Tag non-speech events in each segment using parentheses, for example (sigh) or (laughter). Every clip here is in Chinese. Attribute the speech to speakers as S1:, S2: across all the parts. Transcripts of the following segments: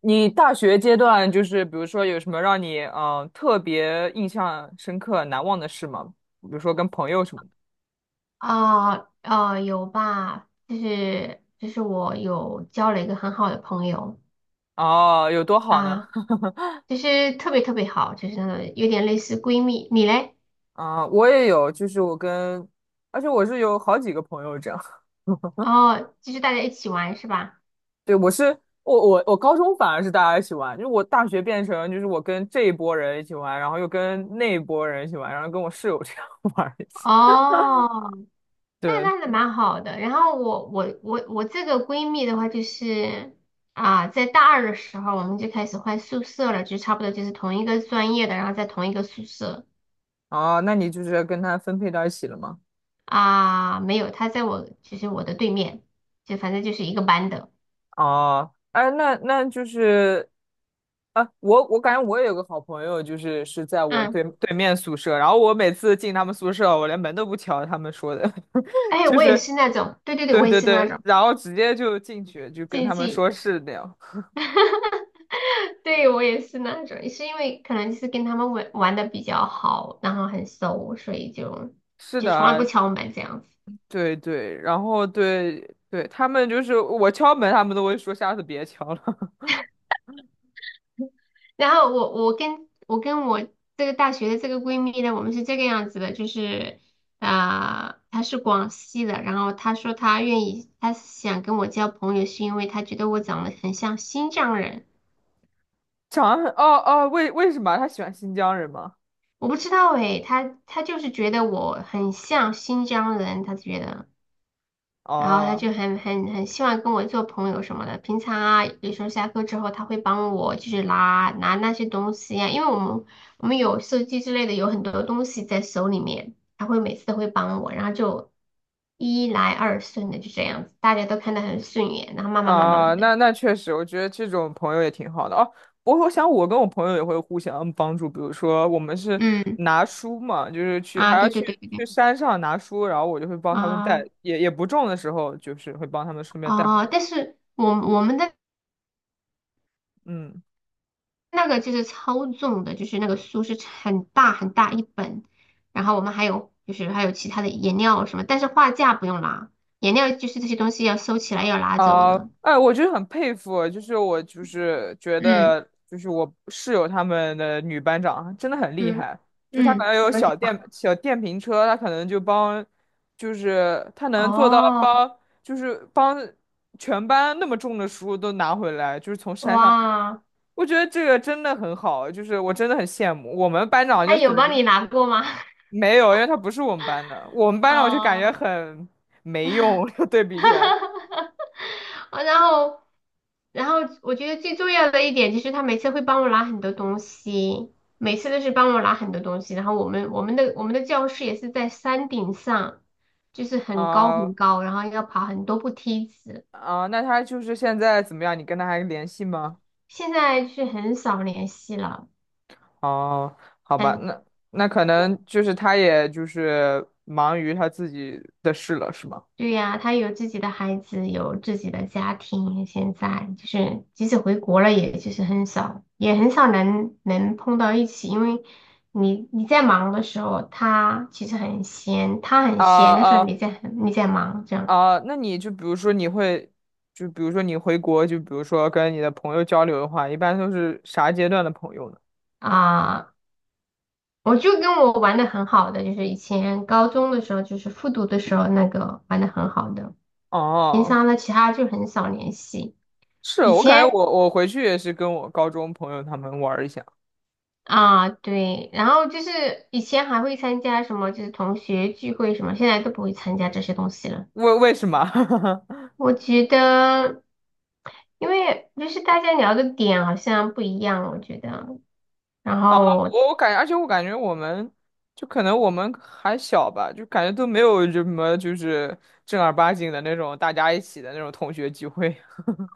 S1: 你大学阶段就是比如说有什么让你特别印象深刻、难忘的事吗？比如说跟朋友什么的。
S2: 有吧，就是我有交了一个很好的朋友
S1: 哦，有多好呢？
S2: 啊，就是特别特别好，就是那种有点类似闺蜜。你嘞？
S1: 啊、我也有，就是我跟，而且我是有好几个朋友这样。(laughs)
S2: 哦，就是大家一起玩是吧？
S1: 对，我高中反而是大家一起玩，就是我大学变成就是我跟这一波人一起玩，然后又跟那一波人一起玩，然后跟我室友这样 (laughs) 玩儿一起。
S2: 哦，那
S1: 对。
S2: 那还蛮好的。然后我这个闺蜜的话，就是在大二的时候我们就开始换宿舍了，就差不多就是同一个专业的，然后在同一个宿舍
S1: 哦，那你就是跟他分配到一起了吗？
S2: 啊，没有，她在我就是我的对面，就反正就是一个班的。
S1: 哦，哎，那就是。啊，我感觉我也有个好朋友，就是在我
S2: 嗯。
S1: 对面宿舍，然后我每次进他们宿舍，我连门都不敲，他们说的。(laughs)
S2: 哎，
S1: 就
S2: 我也
S1: 是
S2: 是那种，对对对，
S1: 对
S2: 我也
S1: 对
S2: 是那
S1: 对，
S2: 种
S1: 然后直接就进去，就跟
S2: 竞
S1: 他们
S2: 技，
S1: 说是那样。
S2: (laughs) 对我也是那种，是因为可能就是跟他们玩玩的比较好，然后很熟，所以
S1: 是
S2: 就
S1: 的
S2: 从来不
S1: 啊。
S2: 敲门这样子。
S1: 对对，然后对对，他们就是我敲门，他们都会说下次别敲了。(laughs)
S2: 然后我跟我这个大学的这个闺蜜呢，我们是这个样子的，就是她是广西的，然后她说她愿意，她想跟我交朋友，是因为她觉得我长得很像新疆人。
S1: 长安，哦哦，为什么他喜欢新疆人吗？
S2: 我不知道诶，他就是觉得我很像新疆人，他觉得，然后他
S1: 哦。
S2: 就很希望跟我做朋友什么的。平常啊，有时候下课之后，他会帮我就是拿那些东西呀、因为我们有手机之类的，有很多东西在手里面，他每次都会帮我，然后就一来二顺的就这样子，大家都看得很顺眼，然后慢慢慢慢
S1: 啊，
S2: 慢的，
S1: 那确实，我觉得这种朋友也挺好的哦。我想我跟我朋友也会互相帮助，比如说我们是
S2: 嗯
S1: 拿书嘛，就是去还
S2: 啊，
S1: 要
S2: 对对对
S1: 去
S2: 对
S1: 去
S2: 对
S1: 山上拿书，然后我就会帮他们带，
S2: 啊
S1: 也不重的时候，就是会帮他们顺便带回。
S2: 啊，但是我我们的。
S1: 嗯。
S2: 那个就是超重的，就是那个书是很大很大一本，然后我们还有就是还有其他的颜料什么，但是画架不用拿，颜料就是这些东西要收起来要拿走
S1: 啊，
S2: 的。
S1: 哎，我就是很佩服，就是我就是觉
S2: 嗯
S1: 得，就是我室友他们的女班长真的很厉
S2: 嗯
S1: 害，就她可
S2: 嗯，
S1: 能有
S2: 怎么
S1: 小
S2: 讲
S1: 电
S2: 法？
S1: 小电瓶车，她可能就帮，就是她能做到
S2: 哦，
S1: 帮，就是帮全班那么重的书都拿回来，就是从山上，
S2: 哇，
S1: 我觉得这个真的很好，就是我真的很羡慕。我们班长
S2: 他
S1: 就
S2: 有
S1: 等
S2: 帮
S1: 于
S2: 你拿过吗？
S1: 没有，因为他不是我们班的，我们
S2: (laughs)
S1: 班长就感觉
S2: 哦，
S1: 很没用，(laughs) 对比起来。
S2: (laughs) 然后。然后我觉得最重要的一点就是他每次会帮我拿很多东西，每次都是帮我拿很多东西。然后我们的教室也是在山顶上，就是很高
S1: 啊、
S2: 很高，然后要爬很多步梯子。
S1: 啊，那他就是现在怎么样？你跟他还联系吗？
S2: 现在就是很少联系了。
S1: 哦，好吧，
S2: 很。
S1: 那可能就是他也就是忙于他自己的事了，是吗？
S2: 对呀，他有自己的孩子，有自己的家庭，现在就是即使回国了，也就是很少，也很少能碰到一起，因为你在忙的时候，他其实很闲，他很
S1: 啊
S2: 闲的时候，
S1: 啊
S2: 你在忙，这样
S1: 啊！那你就比如说你会，就比如说你回国，就比如说跟你的朋友交流的话，一般都是啥阶段的朋友呢？
S2: 啊，我就跟我玩的很好的，就是以前高中的时候，就是复读的时候那个玩的很好的，平
S1: 哦，
S2: 常呢其他就很少联系，
S1: 是
S2: 以
S1: 我感觉
S2: 前。
S1: 我回去也是跟我高中朋友他们玩儿一下。
S2: 啊，对，然后就是以前还会参加什么，就是同学聚会什么，现在都不会参加这些东西了。
S1: 为什么？(laughs)
S2: 我觉得，因为就是大家聊的点好像不一样，我觉得。然后
S1: 我感觉，而且我感觉我们就可能我们还小吧，就感觉都没有什么就是正儿八经的那种大家一起的那种同学聚会。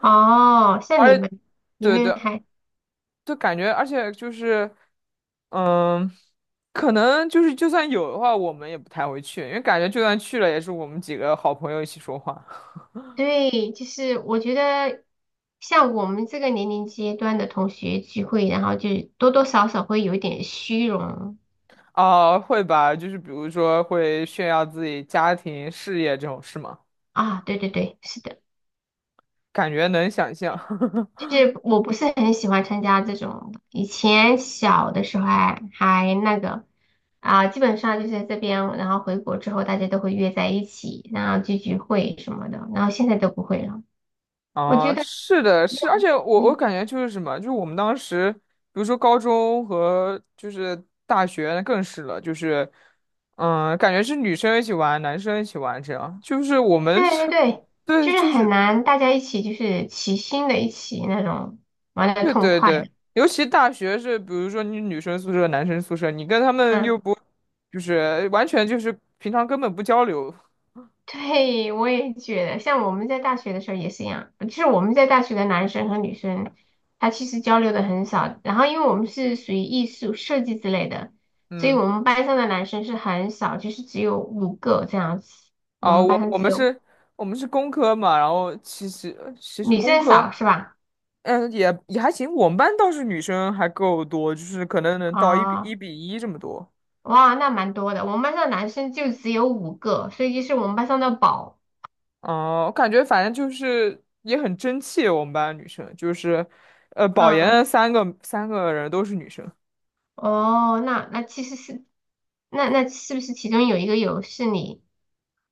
S2: 哦，像你们，
S1: (laughs)
S2: 你
S1: 对
S2: 们
S1: 对，
S2: 还
S1: 就感觉，而且就是，嗯，可能就是就算有的话，我们也不太会去，因为感觉就算去了，也是我们几个好朋友一起说话。
S2: 对，就是我觉得像我们这个年龄阶段的同学聚会，然后就多多少少会有一点虚荣
S1: (laughs) 啊，会吧，就是比如说会炫耀自己家庭、事业这种事吗？
S2: 啊。对对对，是的。
S1: 感觉能想象。(laughs)
S2: 就是我不是很喜欢参加这种的以前小的时候还那个基本上就是这边，然后回国之后大家都会约在一起，然后聚聚会什么的，然后现在都不会了。我觉
S1: 啊，
S2: 得
S1: 是的，是，而且我
S2: 没
S1: 我
S2: 有
S1: 感觉就是什么，就是我们当时，比如说高中和就是大学更是了，就是，嗯，感觉是女生一起玩，男生一起玩，这样，就是我们
S2: 对对
S1: 是，
S2: 对，
S1: (laughs) 对，
S2: 就是
S1: 就
S2: 很
S1: 是
S2: 难大家一起就是齐心的一起那种玩的
S1: 对
S2: 痛
S1: 对
S2: 快
S1: 对，
S2: 的，
S1: 尤其大学是，比如说你女生宿舍、男生宿舍，你跟他们又
S2: 嗯。
S1: 不，就是完全就是平常根本不交流。
S2: 对，我也觉得，像我们在大学的时候也是一样，就是我们在大学的男生和女生，他其实交流的很少。然后，因为我们是属于艺术设计之类的，所以
S1: 嗯。
S2: 我们班上的男生是很少，就是只有五个这样子。我
S1: 啊，
S2: 们
S1: 我
S2: 班上
S1: 我
S2: 只
S1: 们
S2: 有
S1: 是，我们是工科嘛，然后其实
S2: 女
S1: 工
S2: 生
S1: 科。
S2: 少是吧？
S1: 嗯，也还行。我们班倒是女生还够多，就是可能能到一比一
S2: 啊、
S1: 比一这么多。
S2: 哇，那蛮多的。我们班上的男生就只有五个，所以就是我们班上的宝。
S1: 哦、我感觉反正就是也很争气。我们班女生就是，保研
S2: 嗯，
S1: 的三个人都是女生。
S2: 哦，那那其实是，那那是不是其中有一个有是你？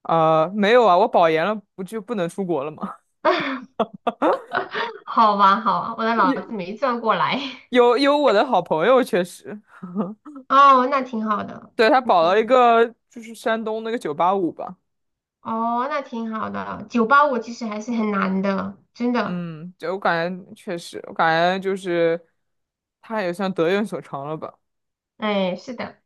S1: 啊，没有啊，我保研了不就不能出国了吗？
S2: (laughs) 好吧，好吧，我的
S1: (laughs)
S2: 脑子
S1: 有
S2: 没转过来。(laughs)
S1: 有有我的好朋友确实，
S2: 哦，那挺好的，
S1: 对，他
S2: 那
S1: 保了一
S2: 挺，
S1: 个就是山东那个985吧。
S2: 哦，那挺好的。九八五其实还是很难的，真的。
S1: 嗯，就我感觉确实，我感觉就是他也算得有所长了吧。
S2: 哎，是的，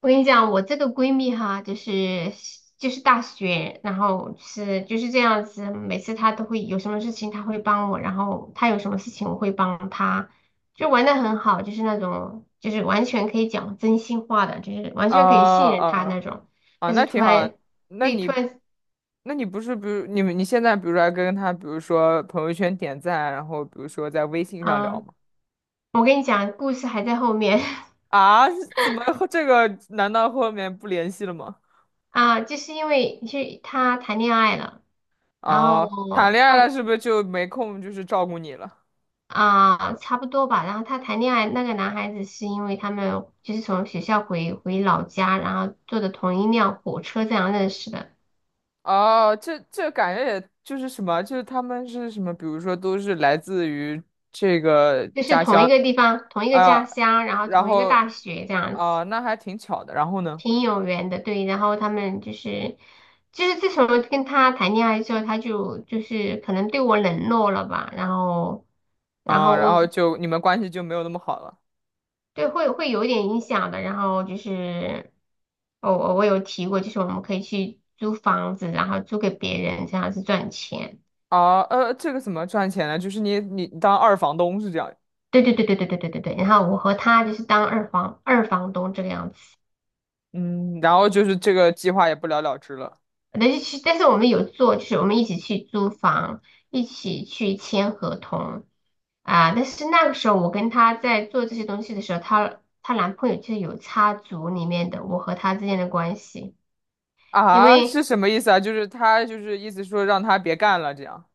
S2: 我跟你讲，我这个闺蜜哈，就是就是大学，然后是就是这样子，每次她都会有什么事情，她会帮我，然后她有什么事情，我会帮她，就玩的很好，就是那种就是完全可以讲真心话的，就是完
S1: 啊
S2: 全可以信任她
S1: 啊
S2: 那种。
S1: 啊！
S2: 但是
S1: 那
S2: 突
S1: 挺好
S2: 然，
S1: 的。那
S2: 对，突
S1: 你，
S2: 然。
S1: 那你不是，比如你们，你现在比如说还跟他，比如说朋友圈点赞，然后比如说在微信上聊
S2: 嗯，
S1: 吗？
S2: 我跟你讲，故事还在后面 (laughs)
S1: 啊，(laughs) 怎么后这个？难道后面不联系了吗？
S2: 啊，就是因为去他谈恋爱了，然
S1: 哦，
S2: 后
S1: 谈恋爱了
S2: 他
S1: 是不是就没空就是照顾你了？
S2: 啊差不多吧，然后他谈恋爱那个男孩子是因为他们就是从学校回老家，然后坐的同一辆火车这样认识的，
S1: 哦，这感觉也就是什么，就是他们是什么，比如说都是来自于这个
S2: 就是
S1: 家
S2: 同一
S1: 乡
S2: 个地方、同一个家
S1: 啊，
S2: 乡，然后
S1: 然
S2: 同一个
S1: 后
S2: 大学这样子，
S1: 啊，那还挺巧的。然后呢？
S2: 挺有缘的，对，然后他们就是。就是自从跟他谈恋爱之后，他就是可能对我冷落了吧，然后，然
S1: 啊，
S2: 后
S1: 然后
S2: 我
S1: 就你们关系就没有那么好了。
S2: 对，会有一点影响的。然后就是，哦，我我有提过，就是我们可以去租房子，然后租给别人，这样子赚钱。
S1: 啊。这个怎么赚钱呢？就是你当二房东是这样。
S2: 对对对对对对对对对。然后我和他就是当二房东这个样子。
S1: 嗯，然后就是这个计划也不了了之了。
S2: 但是去，但是我们有做，就是我们一起去租房，一起去签合同啊。但是那个时候我跟他在做这些东西的时候，她男朋友就是有插足里面的我和他之间的关系。因
S1: 啊，是
S2: 为
S1: 什么意思啊？就是他就是意思说让他别干了这样。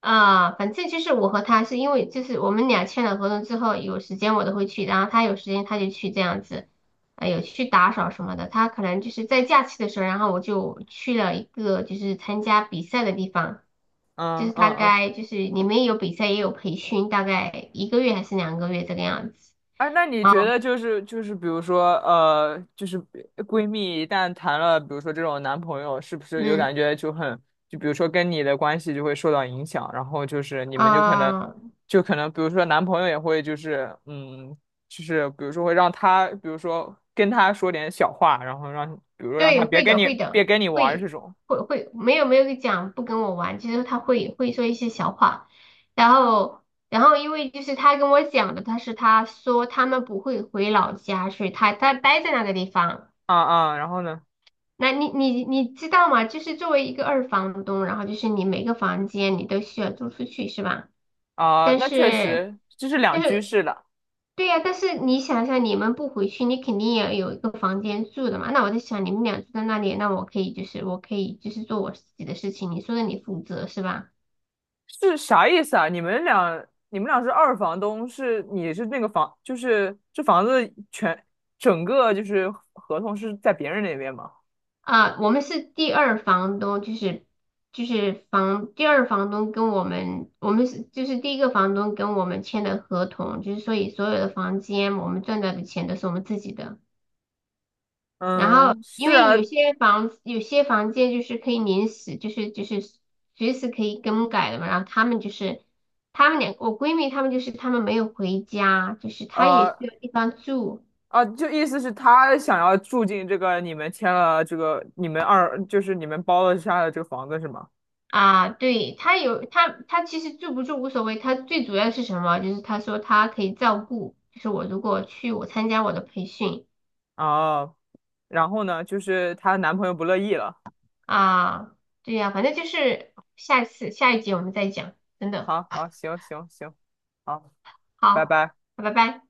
S2: 反正就是我和他是因为就是我们俩签了合同之后，有时间我都会去，然后他有时间他就去这样子，哎，有去打扫什么的。他可能就是在假期的时候，然后我就去了一个就是参加比赛的地方，就
S1: 嗯
S2: 是大
S1: 嗯嗯。
S2: 概就是里面有比赛也有培训，大概一个月还是两个月这个样子。
S1: 哎，那你觉
S2: 哦，
S1: 得就是，比如说就是闺蜜一旦谈了，比如说这种男朋友，是不是就
S2: 嗯，
S1: 感觉就很，就比如说跟你的关系就会受到影响，然后就是你们就可能，
S2: 啊、
S1: 就可能比如说男朋友也会就是就是比如说会让他，比如说跟他说点小话，然后让比如说让他
S2: 对，
S1: 别
S2: 会
S1: 跟
S2: 的，
S1: 你
S2: 会的，
S1: 别跟你玩儿这
S2: 会
S1: 种。
S2: 会，没有没有讲不跟我玩，就是他会说一些小话，然后然后因为就是他跟我讲的，他是他说他们不会回老家，所以他待在那个地方。
S1: 啊啊，然后呢？
S2: 那你知道吗？就是作为一个二房东，然后就是你每个房间你都需要租出去，是吧？
S1: 啊，
S2: 但
S1: 那确
S2: 是，
S1: 实这是两
S2: 但
S1: 居
S2: 是，
S1: 室的。
S2: 对呀、但是你想想，你们不回去，你肯定也有一个房间住的嘛。那我在想，你们俩住在那里，那我可以就是做我自己的事情，你说的你负责是吧？
S1: 是啥意思啊？你们俩是二房东，是你是那个房，就是这房子全整个就是合同是在别人那边吗？
S2: 啊，我们是第二房东，就是就是房第二房东跟我们，就是第一个房东跟我们签的合同，就是所以所有的房间我们赚到的钱都是我们自己的。然后，
S1: 嗯，
S2: 因
S1: 是
S2: 为有
S1: 啊。
S2: 些房子有些房间就是可以临时，就是随时可以更改的嘛。然后他们就是他们两我闺蜜他们就是他们没有回家，就是她也
S1: 呃
S2: 需要地方住
S1: 啊，就意思是他想要住进这个你们签了这个你们二就是你们包了下的这个房子是吗？
S2: 啊。对，她有她她其实住不住无所谓，她最主要是什么？就是她说她可以照顾，就是我如果去我参加我的培训
S1: 啊，然后呢？就是她男朋友不乐意了。
S2: 啊，对呀、反正就是下一次下一集我们再讲，真的
S1: 好好，行行行，好，拜
S2: 好，
S1: 拜。
S2: 拜拜。